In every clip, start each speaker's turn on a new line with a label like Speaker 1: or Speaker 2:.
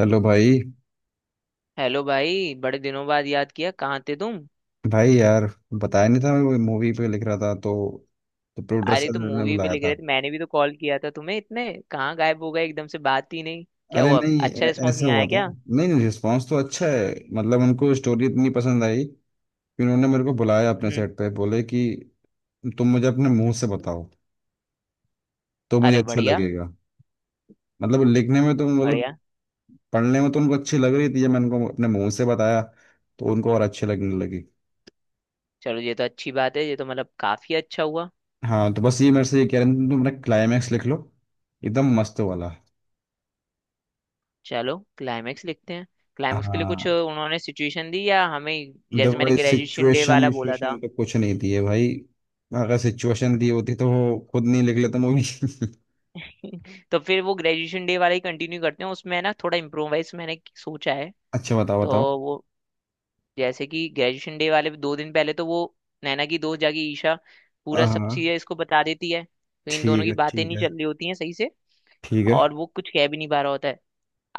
Speaker 1: Hello भाई।
Speaker 2: Hello भाई। बड़े दिनों बाद याद किया, कहाँ थे तुम?
Speaker 1: भाई यार, बताया नहीं था। मैं मूवी पे लिख रहा था, तो
Speaker 2: अरे तुम
Speaker 1: प्रोड्यूसर ने
Speaker 2: मूवी पे
Speaker 1: बुलाया
Speaker 2: लिख
Speaker 1: था।
Speaker 2: रहे थे, मैंने भी तो कॉल किया था तुम्हें इतने। कहाँ गायब हो गए एकदम से, बात ही नहीं? क्या
Speaker 1: अरे
Speaker 2: हुआ,
Speaker 1: नहीं,
Speaker 2: अच्छा रिस्पॉन्स
Speaker 1: ऐसे
Speaker 2: नहीं
Speaker 1: हुआ
Speaker 2: आया
Speaker 1: था।
Speaker 2: क्या?
Speaker 1: नहीं नहीं, रिस्पांस तो अच्छा है। मतलब उनको स्टोरी इतनी पसंद आई कि उन्होंने मेरे को बुलाया अपने
Speaker 2: हम्म।
Speaker 1: सेट पे, बोले कि तुम मुझे अपने मुंह से बताओ तो मुझे
Speaker 2: अरे
Speaker 1: अच्छा
Speaker 2: बढ़िया,
Speaker 1: लगेगा। मतलब लिखने में तो, मतलब
Speaker 2: बढ़िया।
Speaker 1: पढ़ने में तो उनको अच्छी लग रही थी। जब मैंने उनको अपने मुंह से बताया तो उनको और अच्छी लगने लगी।
Speaker 2: चलो ये तो अच्छी बात है, ये तो मतलब काफी अच्छा हुआ।
Speaker 1: हाँ, तो बस ये मेरे से ये कह रहे थे तुम अपना क्लाइमैक्स लिख लो, एकदम मस्त वाला।
Speaker 2: चलो क्लाइमेक्स लिखते हैं। क्लाइमेक्स के लिए कुछ
Speaker 1: हाँ,
Speaker 2: उन्होंने सिचुएशन दी या हमें? जैसे
Speaker 1: देखो
Speaker 2: मैंने
Speaker 1: इस
Speaker 2: ग्रेजुएशन डे
Speaker 1: सिचुएशन
Speaker 2: वाला बोला था।
Speaker 1: सिचुएशन पे कुछ नहीं दिए भाई। अगर सिचुएशन दी होती तो वो खुद नहीं लिख लेता मूवी
Speaker 2: तो फिर वो ग्रेजुएशन डे वाला ही कंटिन्यू करते हैं, उसमें है ना थोड़ा इम्प्रोवाइज मैंने सोचा है।
Speaker 1: अच्छा, बताओ
Speaker 2: तो
Speaker 1: बताओ।
Speaker 2: वो, जैसे कि ग्रेजुएशन डे वाले दो दिन पहले तो वो नैना की दोस्त जाके ईशा पूरा सब
Speaker 1: हाँ,
Speaker 2: चीजें इसको बता देती है, तो इन दोनों
Speaker 1: ठीक
Speaker 2: की
Speaker 1: है
Speaker 2: बातें
Speaker 1: ठीक
Speaker 2: नहीं
Speaker 1: है।
Speaker 2: चल रही होती हैं सही से।
Speaker 1: ठीक है।
Speaker 2: और वो कुछ कह भी नहीं पा रहा होता है।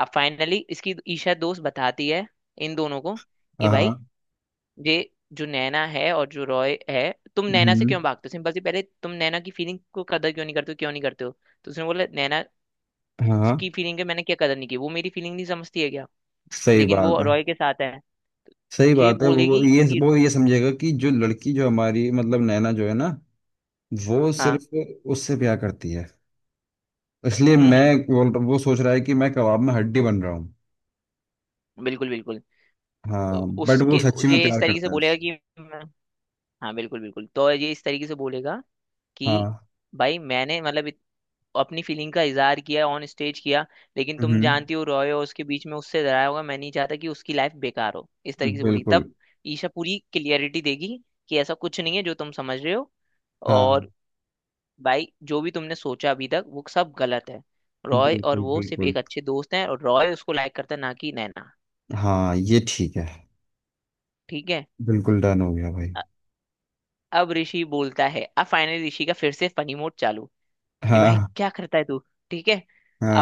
Speaker 2: अब फाइनली इसकी ईशा दोस्त बताती है इन दोनों को कि भाई
Speaker 1: हाँ।
Speaker 2: ये जो नैना है और जो रॉय है, तुम नैना से
Speaker 1: हम्म।
Speaker 2: क्यों भागते हो? सिंपल सी, पहले तुम नैना की फीलिंग को कदर क्यों नहीं करते हो? क्यों नहीं करते हो? तो उसने बोला, नैना
Speaker 1: हाँ।
Speaker 2: की फीलिंग है, मैंने क्या कदर नहीं की? वो मेरी फीलिंग नहीं समझती है क्या?
Speaker 1: सही
Speaker 2: लेकिन
Speaker 1: बात
Speaker 2: वो
Speaker 1: है।
Speaker 2: रॉय के साथ है।
Speaker 1: सही
Speaker 2: ये
Speaker 1: बात है। वो
Speaker 2: बोलेगी
Speaker 1: ये
Speaker 2: कि
Speaker 1: वो ये समझेगा कि जो लड़की, जो हमारी मतलब नैना जो है ना, वो
Speaker 2: हाँ।
Speaker 1: सिर्फ उससे प्यार करती है। इसलिए
Speaker 2: हम्म।
Speaker 1: वो सोच रहा है कि मैं कबाब में हड्डी बन रहा हूँ।
Speaker 2: बिल्कुल बिल्कुल। तो
Speaker 1: हाँ, बट वो
Speaker 2: उसके
Speaker 1: सच्ची में
Speaker 2: ये इस
Speaker 1: प्यार
Speaker 2: तरीके से
Speaker 1: करता है
Speaker 2: बोलेगा
Speaker 1: उससे।
Speaker 2: कि मैं- हाँ बिल्कुल बिल्कुल, तो ये इस तरीके से बोलेगा कि
Speaker 1: हाँ।
Speaker 2: भाई मैंने मतलब इत- अपनी फीलिंग का इजहार किया, ऑन स्टेज किया, लेकिन तुम
Speaker 1: हम्म।
Speaker 2: जानती हो रॉय हो उसके बीच में उससे डराया होगा, मैं नहीं चाहता कि उसकी लाइफ बेकार हो, इस तरीके से बोलेगी।
Speaker 1: बिल्कुल।
Speaker 2: तब ईशा पूरी क्लियरिटी देगी कि ऐसा कुछ नहीं है जो तुम समझ रहे हो,
Speaker 1: हाँ,
Speaker 2: और भाई जो भी तुमने सोचा अभी तक वो सब गलत है। रॉय और
Speaker 1: बिल्कुल
Speaker 2: वो सिर्फ
Speaker 1: बिल्कुल।
Speaker 2: एक अच्छे दोस्त हैं, और रॉय उसको लाइक करता है ना कि नैना।
Speaker 1: हाँ, ये ठीक है।
Speaker 2: ठीक है।
Speaker 1: बिल्कुल डन हो गया भाई।
Speaker 2: अब ऋषि बोलता है, अब फाइनली ऋषि का फिर से फनी मोड चालू, कि भाई
Speaker 1: हाँ।
Speaker 2: क्या करता है तू? ठीक है।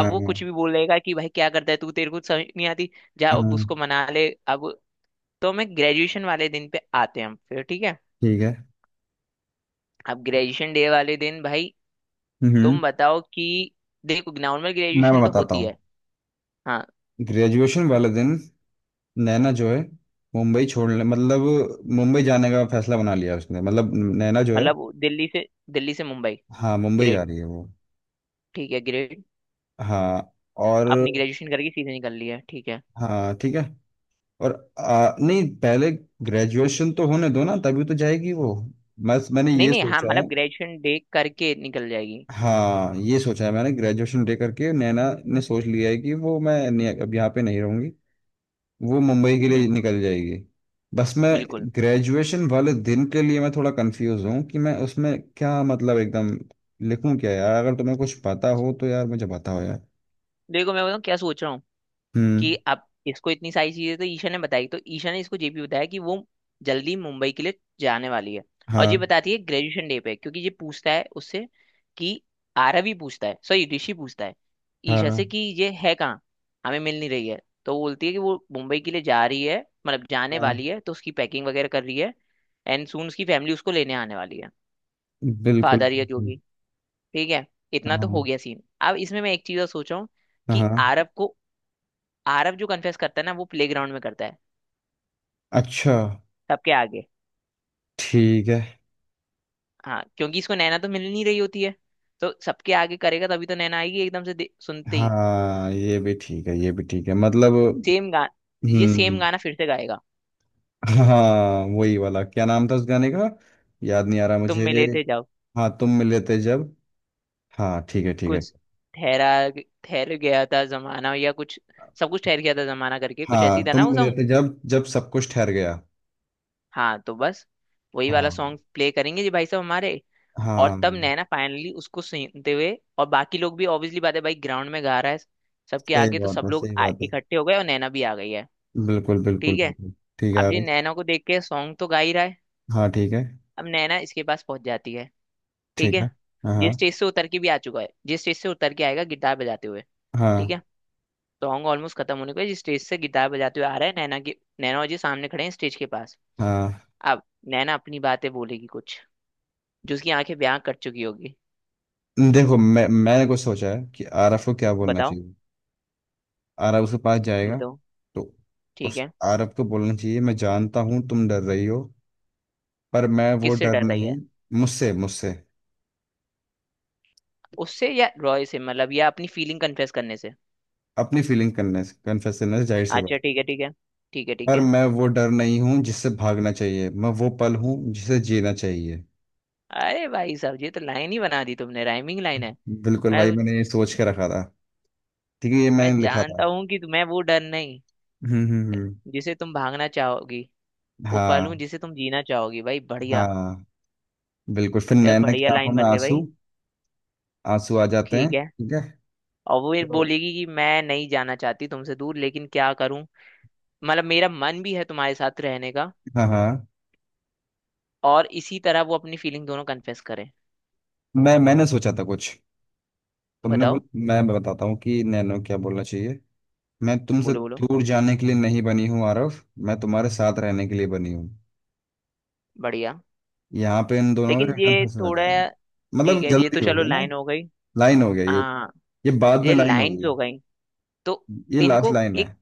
Speaker 2: अब वो कुछ भी बोलेगा कि भाई क्या करता है तू, तेरे को तो समझ नहीं आती, जा अब
Speaker 1: हाँ,
Speaker 2: उसको मना ले अब। तो मैं ग्रेजुएशन वाले दिन पे आते हैं हम फिर, ठीक है।
Speaker 1: ठीक है।
Speaker 2: अब ग्रेजुएशन डे वाले दिन भाई
Speaker 1: हम्म।
Speaker 2: तुम बताओ कि देखो नॉर्मल
Speaker 1: मैं
Speaker 2: ग्रेजुएशन तो
Speaker 1: बताता
Speaker 2: होती
Speaker 1: हूँ।
Speaker 2: है, हाँ।
Speaker 1: ग्रेजुएशन वाले दिन नैना जो है, मुंबई छोड़ने मतलब मुंबई जाने का फैसला बना लिया उसने, मतलब नैना जो है।
Speaker 2: मतलब वो दिल्ली से मुंबई
Speaker 1: हाँ, मुंबई जा
Speaker 2: ग्रेड,
Speaker 1: रही है वो।
Speaker 2: ठीक है ग्रेड।
Speaker 1: हाँ। और,
Speaker 2: अपनी ग्रेजुएशन करके सीधे निकल ली है, ठीक है।
Speaker 1: हाँ ठीक है। और नहीं, पहले ग्रेजुएशन तो होने दो ना, तभी तो जाएगी वो। बस मैंने
Speaker 2: नहीं
Speaker 1: ये
Speaker 2: नहीं, हाँ
Speaker 1: सोचा है।
Speaker 2: मतलब ग्रेजुएशन डे करके निकल जाएगी।
Speaker 1: हाँ, ये सोचा है मैंने, ग्रेजुएशन दे करके नैना ने सोच लिया है कि वो मैं नहीं- अब यहाँ पे नहीं रहूंगी। वो मुंबई के लिए
Speaker 2: हम्म,
Speaker 1: निकल जाएगी। बस मैं
Speaker 2: बिल्कुल।
Speaker 1: ग्रेजुएशन वाले दिन के लिए मैं थोड़ा कंफ्यूज हूँ कि मैं उसमें क्या मतलब एकदम लिखूं क्या यार। अगर तुम्हें कुछ पता हो तो यार मुझे बताओ यार।
Speaker 2: देखो मैं बताऊँ क्या सोच रहा हूँ, कि
Speaker 1: हम्म।
Speaker 2: अब इसको इतनी सारी चीजें तो ईशा ने बताई, तो ईशा ने इसको ये भी बताया कि वो जल्दी मुंबई के लिए जाने वाली है। और ये
Speaker 1: हाँ।
Speaker 2: बताती है ग्रेजुएशन डे पे, क्योंकि ये पूछता है उससे कि आरवी पूछता है, सॉरी, ऋषि पूछता है ईशा से
Speaker 1: हाँ।
Speaker 2: कि ये है कहाँ, हमें मिल नहीं रही है। तो वो बोलती है कि वो मुंबई के लिए जा रही है, मतलब जाने
Speaker 1: हाँ।
Speaker 2: वाली है, तो उसकी पैकिंग वगैरह कर रही है। एंड सून उसकी फैमिली उसको लेने आने वाली है,
Speaker 1: बिल्कुल
Speaker 2: फादर या जो
Speaker 1: बिल्कुल।
Speaker 2: भी। ठीक है, इतना तो हो
Speaker 1: हाँ।
Speaker 2: गया सीन। अब इसमें मैं एक चीज और सोच रहा हूँ कि
Speaker 1: हाँ।
Speaker 2: आरव को, आरव जो कन्फेस करता है ना वो प्लेग्राउंड में करता है,
Speaker 1: अच्छा,
Speaker 2: सबके आगे।
Speaker 1: ठीक है।
Speaker 2: हाँ क्योंकि इसको नैना तो मिल नहीं रही होती है, तो सबके आगे करेगा तभी तो नैना आएगी एकदम से दे- सुनते ही।
Speaker 1: हाँ, ये भी ठीक है, ये भी ठीक है, मतलब।
Speaker 2: सेम गा- ये सेम
Speaker 1: हम्म।
Speaker 2: गाना फिर से गाएगा।
Speaker 1: हाँ, वही वाला, क्या नाम था उस गाने का? याद नहीं आ रहा
Speaker 2: तुम
Speaker 1: मुझे।
Speaker 2: मिले थे जब,
Speaker 1: हाँ, तुम मिले थे जब। हाँ, ठीक है ठीक है।
Speaker 2: कुछ ठहरा- ठहर गया था जमाना या कुछ, सब कुछ ठहर गया था जमाना करके कुछ ऐसी
Speaker 1: हाँ,
Speaker 2: था ना
Speaker 1: तुम
Speaker 2: वो
Speaker 1: मिले
Speaker 2: सॉन्ग।
Speaker 1: थे जब, जब सब कुछ ठहर गया।
Speaker 2: हाँ तो बस वही वाला
Speaker 1: हाँ।
Speaker 2: सॉन्ग प्ले करेंगे जी भाई साहब हमारे। और तब
Speaker 1: हाँ,
Speaker 2: नैना फाइनली उसको सुनते हुए, और बाकी लोग भी ऑब्वियसली बात है भाई, ग्राउंड में गा रहा है सबके
Speaker 1: सही
Speaker 2: आगे तो
Speaker 1: बात
Speaker 2: सब
Speaker 1: है।
Speaker 2: लोग
Speaker 1: सही
Speaker 2: आ-
Speaker 1: बात है।
Speaker 2: इकट्ठे हो गए, और नैना भी आ गई है।
Speaker 1: बिल्कुल बिल्कुल
Speaker 2: ठीक है।
Speaker 1: बिल्कुल। ठीक है
Speaker 2: अब ये
Speaker 1: अभी।
Speaker 2: नैना को देख के सॉन्ग तो गा ही रहा है,
Speaker 1: हाँ, ठीक है।
Speaker 2: अब नैना इसके पास पहुंच जाती है। ठीक
Speaker 1: ठीक
Speaker 2: है।
Speaker 1: है। हाँ
Speaker 2: जिस
Speaker 1: हाँ।
Speaker 2: स्टेज से उतर के भी आ चुका है, जिस स्टेज से उतर के आएगा गिटार बजाते हुए, ठीक
Speaker 1: हाँ।
Speaker 2: है। सॉन्ग ऑलमोस्ट खत्म होने को है, जिस स्टेज से गिटार बजाते हुए आ रहा है, नैना की नैना और जी सामने खड़े हैं स्टेज के पास।
Speaker 1: हाँ।
Speaker 2: अब नैना अपनी बातें बोलेगी कुछ, जो उसकी आंखें ब्याह कर चुकी होगी।
Speaker 1: देखो मैंने कुछ सोचा है कि आरफ को क्या बोलना
Speaker 2: बताओ
Speaker 1: चाहिए। आरफ उसके पास जाएगा,
Speaker 2: बताओ।
Speaker 1: तो
Speaker 2: ठीक
Speaker 1: उस
Speaker 2: है।
Speaker 1: आरफ को बोलना चाहिए मैं जानता हूँ तुम डर रही हो, पर मैं वो
Speaker 2: किससे
Speaker 1: डर
Speaker 2: डर रही है?
Speaker 1: नहीं। मुझसे मुझसे।
Speaker 2: उससे या रॉय से, मतलब, या अपनी फीलिंग कन्फेस करने से?
Speaker 1: अपनी फीलिंग करने से, कन्फेस करने से, जाहिर सी
Speaker 2: अच्छा
Speaker 1: बात।
Speaker 2: ठीक है, ठीक है। ठीक है, ठीक
Speaker 1: पर
Speaker 2: है।
Speaker 1: मैं वो डर नहीं हूँ जिससे भागना चाहिए, मैं वो पल हूँ जिसे जीना चाहिए।
Speaker 2: अरे भाई साहब ये तो लाइन ही बना दी तुमने, राइमिंग लाइन है।
Speaker 1: बिल्कुल
Speaker 2: मैं
Speaker 1: भाई, मैंने ये सोच के रखा था। ठीक है, ये
Speaker 2: मैं
Speaker 1: मैंने लिखा था।
Speaker 2: जानता हूँ कि तुम्हें वो डर नहीं,
Speaker 1: हम्म।
Speaker 2: जिसे तुम भागना चाहोगी, वो पल हूँ
Speaker 1: हाँ।
Speaker 2: जिसे तुम जीना चाहोगी। भाई बढ़िया,
Speaker 1: हाँ, बिल्कुल, फिर
Speaker 2: ये
Speaker 1: नैना
Speaker 2: बढ़िया
Speaker 1: की आंखों
Speaker 2: लाइन
Speaker 1: में
Speaker 2: बन गई
Speaker 1: आंसू,
Speaker 2: भाई।
Speaker 1: आंसू आ जाते हैं,
Speaker 2: ठीक है।
Speaker 1: ठीक है।
Speaker 2: और वो ये
Speaker 1: तो
Speaker 2: बोलेगी कि मैं नहीं जाना चाहती तुमसे दूर, लेकिन क्या करूं, मतलब मेरा मन भी है तुम्हारे साथ रहने का।
Speaker 1: हाँ। हाँ,
Speaker 2: और इसी तरह वो अपनी फीलिंग दोनों कन्फेस करे।
Speaker 1: मैंने सोचा था कुछ, तुमने बोल।
Speaker 2: बताओ,
Speaker 1: मैं बताता हूँ कि नैनो क्या बोलना चाहिए। मैं तुमसे
Speaker 2: बोलो बोलो।
Speaker 1: दूर जाने के लिए नहीं बनी हूँ आरव, मैं तुम्हारे साथ रहने के लिए बनी हूँ।
Speaker 2: बढ़िया।
Speaker 1: यहाँ पे इन दोनों
Speaker 2: लेकिन
Speaker 1: का रखा
Speaker 2: ये
Speaker 1: फंसा
Speaker 2: थोड़ा,
Speaker 1: जाएगा।
Speaker 2: ठीक
Speaker 1: मतलब
Speaker 2: है ये तो
Speaker 1: जल्दी हो
Speaker 2: चलो
Speaker 1: गया ना।
Speaker 2: लाइन हो गई।
Speaker 1: लाइन हो गया ये
Speaker 2: हाँ
Speaker 1: ये बाद में
Speaker 2: ये
Speaker 1: लाइन
Speaker 2: लाइन्स
Speaker 1: होगी,
Speaker 2: हो गई। तो
Speaker 1: ये लास्ट
Speaker 2: इनको
Speaker 1: लाइन है।
Speaker 2: एक,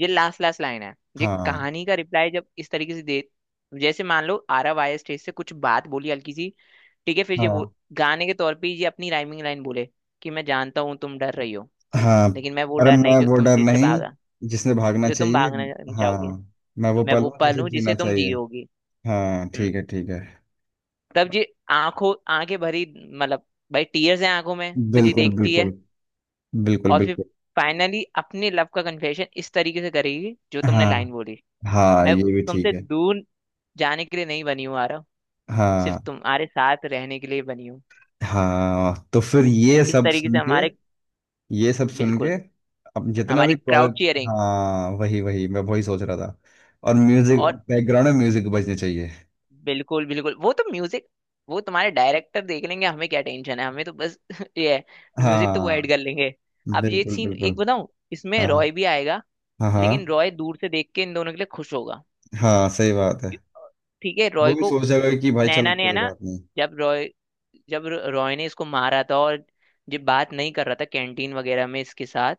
Speaker 2: ये लास्ट लास्ट लाइन है। ये
Speaker 1: हाँ।
Speaker 2: कहानी का रिप्लाई जब इस तरीके से दे, जैसे मान लो आरव आया स्टेज से कुछ बात बोली हल्की सी, ठीक है फिर ये बोल,
Speaker 1: हाँ।
Speaker 2: गाने के तौर पे ये अपनी राइमिंग लाइन बोले कि मैं जानता हूँ तुम डर रही हो,
Speaker 1: हाँ,
Speaker 2: लेकिन मैं वो
Speaker 1: अरे
Speaker 2: डर नहीं
Speaker 1: मैं
Speaker 2: जो
Speaker 1: वो
Speaker 2: तुम
Speaker 1: डर
Speaker 2: जिससे भागा,
Speaker 1: नहीं जिसने भागना
Speaker 2: जो तुम
Speaker 1: चाहिए।
Speaker 2: भागना
Speaker 1: हाँ,
Speaker 2: चाहोगे,
Speaker 1: मैं वो
Speaker 2: मैं
Speaker 1: पल
Speaker 2: वो
Speaker 1: हूँ
Speaker 2: पल
Speaker 1: जिसे
Speaker 2: हूँ जिसे
Speaker 1: जीना
Speaker 2: तुम
Speaker 1: चाहिए।
Speaker 2: जियोगी।
Speaker 1: हाँ,
Speaker 2: हम्म।
Speaker 1: ठीक है ठीक है।
Speaker 2: तब जी आंखों आंखें भरी, मतलब भाई टीयर्स हैं आंखों में तो जी
Speaker 1: बिल्कुल
Speaker 2: देखती
Speaker 1: बिल्कुल।
Speaker 2: है।
Speaker 1: बिल्कुल
Speaker 2: और फिर
Speaker 1: बिल्कुल।
Speaker 2: फाइनली अपने लव का कन्फेशन इस तरीके से करेगी जो तुमने लाइन
Speaker 1: हाँ।
Speaker 2: बोली।
Speaker 1: हाँ,
Speaker 2: मैं
Speaker 1: ये भी ठीक
Speaker 2: तुमसे
Speaker 1: है।
Speaker 2: दूर जाने के लिए नहीं बनी हूँ आरव, सिर्फ
Speaker 1: हाँ।
Speaker 2: तुम्हारे साथ रहने के लिए बनी हूँ।
Speaker 1: हाँ, तो फिर ये
Speaker 2: इस
Speaker 1: सब
Speaker 2: तरीके से
Speaker 1: सुन के,
Speaker 2: हमारे,
Speaker 1: ये सब सुन के,
Speaker 2: बिल्कुल।
Speaker 1: अब जितना
Speaker 2: हमारी
Speaker 1: भी
Speaker 2: क्राउड
Speaker 1: क्वालिटी।
Speaker 2: चीयरिंग,
Speaker 1: हाँ वही वही, मैं वही सोच रहा था। और म्यूजिक,
Speaker 2: और
Speaker 1: बैकग्राउंड में म्यूजिक बजने चाहिए।
Speaker 2: बिल्कुल बिल्कुल वो तो म्यूजिक, वो तुम्हारे डायरेक्टर देख लेंगे, हमें क्या टेंशन है, हमें तो बस ये है, म्यूजिक तो वो ऐड
Speaker 1: हाँ।
Speaker 2: कर लेंगे। अब ये
Speaker 1: बिल्कुल
Speaker 2: सीन एक
Speaker 1: बिल्कुल।
Speaker 2: बताऊं, इसमें
Speaker 1: हाँ।
Speaker 2: रॉय भी आएगा,
Speaker 1: हाँ। हाँ।
Speaker 2: लेकिन रॉय दूर से देख के इन दोनों के लिए खुश होगा।
Speaker 1: हाँ, सही बात है।
Speaker 2: ठीक है।
Speaker 1: वो
Speaker 2: रॉय
Speaker 1: भी
Speaker 2: को,
Speaker 1: सोच जाएगा कि भाई चलो
Speaker 2: नैना ने है
Speaker 1: कोई
Speaker 2: ना,
Speaker 1: बात नहीं।
Speaker 2: जब रॉय, जब र- रॉय ने इसको मारा था, और जब बात नहीं कर रहा था कैंटीन वगैरह में इसके साथ,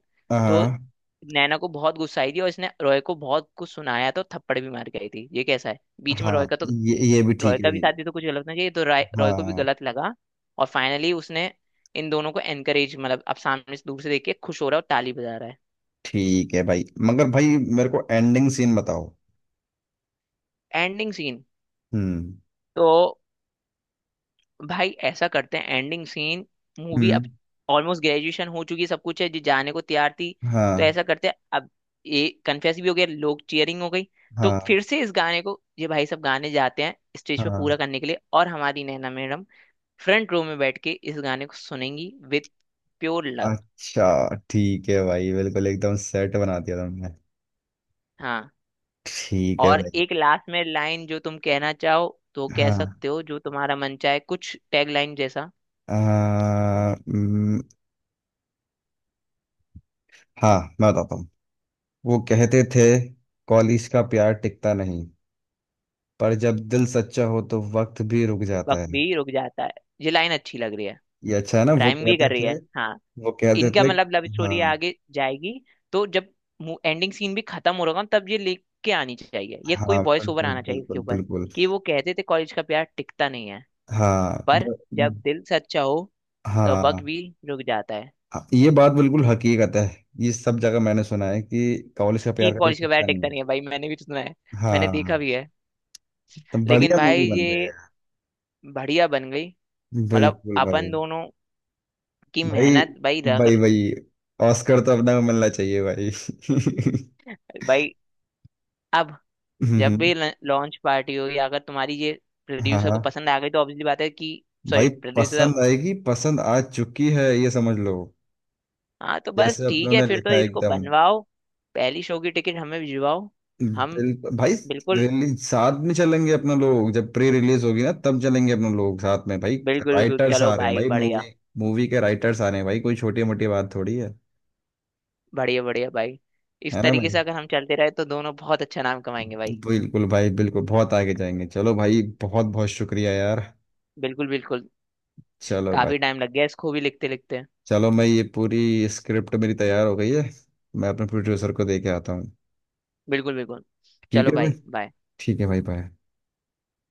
Speaker 2: तो
Speaker 1: हाँ।
Speaker 2: नैना को बहुत गुस्सा आई थी, और इसने रॉय को बहुत कुछ सुनाया, तो थप्पड़ भी मार गई थी ये कैसा है बीच में
Speaker 1: हाँ
Speaker 2: रॉय का, तो
Speaker 1: ये ये भी
Speaker 2: रॉय
Speaker 1: ठीक है।
Speaker 2: का भी साथ भी तो कुछ गलत नहीं चाहिए तो रॉय रॉय को भी
Speaker 1: हाँ।
Speaker 2: गलत लगा। और फाइनली उसने इन दोनों को एनकरेज, मतलब अब सामने से दूर से देख के खुश हो रहा है और ताली बजा रहा है।
Speaker 1: ठीक है भाई, मगर भाई मेरे को एंडिंग सीन बताओ।
Speaker 2: Ending scene.
Speaker 1: हम्म।
Speaker 2: तो भाई ऐसा करते हैं एंडिंग सीन, मूवी अब
Speaker 1: हम्म।
Speaker 2: ऑलमोस्ट ग्रेजुएशन हो चुकी है, सब कुछ है जी जाने को तैयार थी। तो
Speaker 1: हाँ।
Speaker 2: ऐसा करते हैं अब, ये कन्फेस भी हो गया, लोग चीयरिंग हो गई, तो
Speaker 1: हाँ।
Speaker 2: फिर से इस गाने को ये भाई सब गाने जाते हैं स्टेज पे
Speaker 1: हाँ।
Speaker 2: पूरा करने के लिए, और हमारी नैना मैडम फ्रंट रो में बैठ के इस गाने को सुनेंगी विथ प्योर लव।
Speaker 1: अच्छा ठीक है भाई, बिल्कुल एकदम सेट बना दिया तुमने।
Speaker 2: हाँ।
Speaker 1: ठीक है
Speaker 2: और
Speaker 1: भाई।
Speaker 2: एक लास्ट में लाइन जो तुम कहना चाहो तो कह
Speaker 1: हाँ।
Speaker 2: सकते हो, जो तुम्हारा मन चाहे, कुछ टैग लाइन जैसा।
Speaker 1: आ, हम्म, हाँ, मैं बताता हूँ। वो कहते थे कॉलेज का प्यार टिकता नहीं, पर जब दिल सच्चा हो तो वक्त भी रुक जाता
Speaker 2: वक्त
Speaker 1: है।
Speaker 2: भी रुक जाता है, ये लाइन अच्छी लग रही है,
Speaker 1: ये अच्छा है ना, वो
Speaker 2: राइम भी
Speaker 1: कहते
Speaker 2: कर रही
Speaker 1: थे,
Speaker 2: है हाँ।
Speaker 1: वो कहते
Speaker 2: इनका
Speaker 1: थे।
Speaker 2: मतलब लव स्टोरी
Speaker 1: हाँ।
Speaker 2: आगे जाएगी। तो जब एंडिंग सीन भी खत्म हो रहा तब ये लेके आनी चाहिए, ये कोई
Speaker 1: हाँ,
Speaker 2: वॉइस ओवर
Speaker 1: बिल्कुल
Speaker 2: आना चाहिए इसके
Speaker 1: बिल्कुल
Speaker 2: ऊपर
Speaker 1: बिल्कुल।
Speaker 2: कि वो कहते थे कॉलेज का प्यार टिकता नहीं है,
Speaker 1: हाँ
Speaker 2: पर
Speaker 1: ब-
Speaker 2: जब दिल सच्चा हो तो
Speaker 1: हाँ।
Speaker 2: वक्त भी रुक जाता है।
Speaker 1: हाँ, ये बात बिल्कुल हकीकत है। ये सब जगह मैंने सुना है कि कॉलेज का
Speaker 2: कि
Speaker 1: प्यार कभी
Speaker 2: कॉलेज का प्यार
Speaker 1: टिकता
Speaker 2: टिकता
Speaker 1: नहीं।
Speaker 2: नहीं है भाई, मैंने भी तो सुना है, मैंने देखा
Speaker 1: हाँ,
Speaker 2: भी है।
Speaker 1: तो
Speaker 2: लेकिन
Speaker 1: बढ़िया मूवी
Speaker 2: भाई
Speaker 1: बन
Speaker 2: ये
Speaker 1: रही है।
Speaker 2: बढ़िया बन गई। मतलब
Speaker 1: बिल्कुल भाई।
Speaker 2: अपन दोनों की
Speaker 1: भाई
Speaker 2: मेहनत भाई रग-
Speaker 1: भाई भाई ऑस्कर तो अपना को मिलना चाहिए भाई
Speaker 2: भाई अब जब
Speaker 1: हम्म,
Speaker 2: भी लॉन्च पार्टी हो, या अगर तुम्हारी ये
Speaker 1: हाँ।
Speaker 2: प्रोड्यूसर
Speaker 1: हाँ
Speaker 2: को पसंद आ गई, तो ऑब्वियसली बात है कि, सॉरी
Speaker 1: भाई,
Speaker 2: प्रोड्यूसर।
Speaker 1: पसंद आएगी, पसंद आ चुकी है ये समझ लो।
Speaker 2: हाँ तो बस
Speaker 1: जैसे
Speaker 2: ठीक
Speaker 1: अपनों
Speaker 2: है,
Speaker 1: ने
Speaker 2: फिर तो
Speaker 1: लिखा है
Speaker 2: इसको
Speaker 1: एकदम।
Speaker 2: बनवाओ, पहली शो की टिकट हमें भिजवाओ। हम,
Speaker 1: बिल्कुल भाई।
Speaker 2: बिल्कुल
Speaker 1: रिलीज साथ में चलेंगे अपना लोग, जब प्री रिलीज होगी ना तब चलेंगे अपना लोग साथ में भाई।
Speaker 2: बिल्कुल बिल्कुल।
Speaker 1: राइटर्स
Speaker 2: चलो
Speaker 1: आ रहे हैं
Speaker 2: भाई
Speaker 1: भाई,
Speaker 2: बढ़िया,
Speaker 1: मूवी मूवी के राइटर्स आ रहे हैं भाई, कोई छोटी मोटी बात थोड़ी है।
Speaker 2: बढ़िया बढ़िया भाई। इस
Speaker 1: है ना
Speaker 2: तरीके
Speaker 1: भाई।
Speaker 2: से अगर हम चलते रहे तो दोनों बहुत अच्छा नाम कमाएंगे भाई।
Speaker 1: बिल्कुल भाई बिल्कुल, बहुत आगे जाएंगे। चलो भाई, बहुत बहुत शुक्रिया यार।
Speaker 2: बिल्कुल बिल्कुल।
Speaker 1: चलो भाई।
Speaker 2: काफी टाइम लग गया इसको भी लिखते लिखते।
Speaker 1: चलो, मैं ये पूरी स्क्रिप्ट मेरी तैयार हो गई है, मैं अपने
Speaker 2: हम्म,
Speaker 1: प्रोड्यूसर को दे के आता हूँ।
Speaker 2: बिल्कुल बिल्कुल।
Speaker 1: ठीक
Speaker 2: चलो
Speaker 1: है भाई।
Speaker 2: भाई बाय।
Speaker 1: ठीक है भाई, बाय।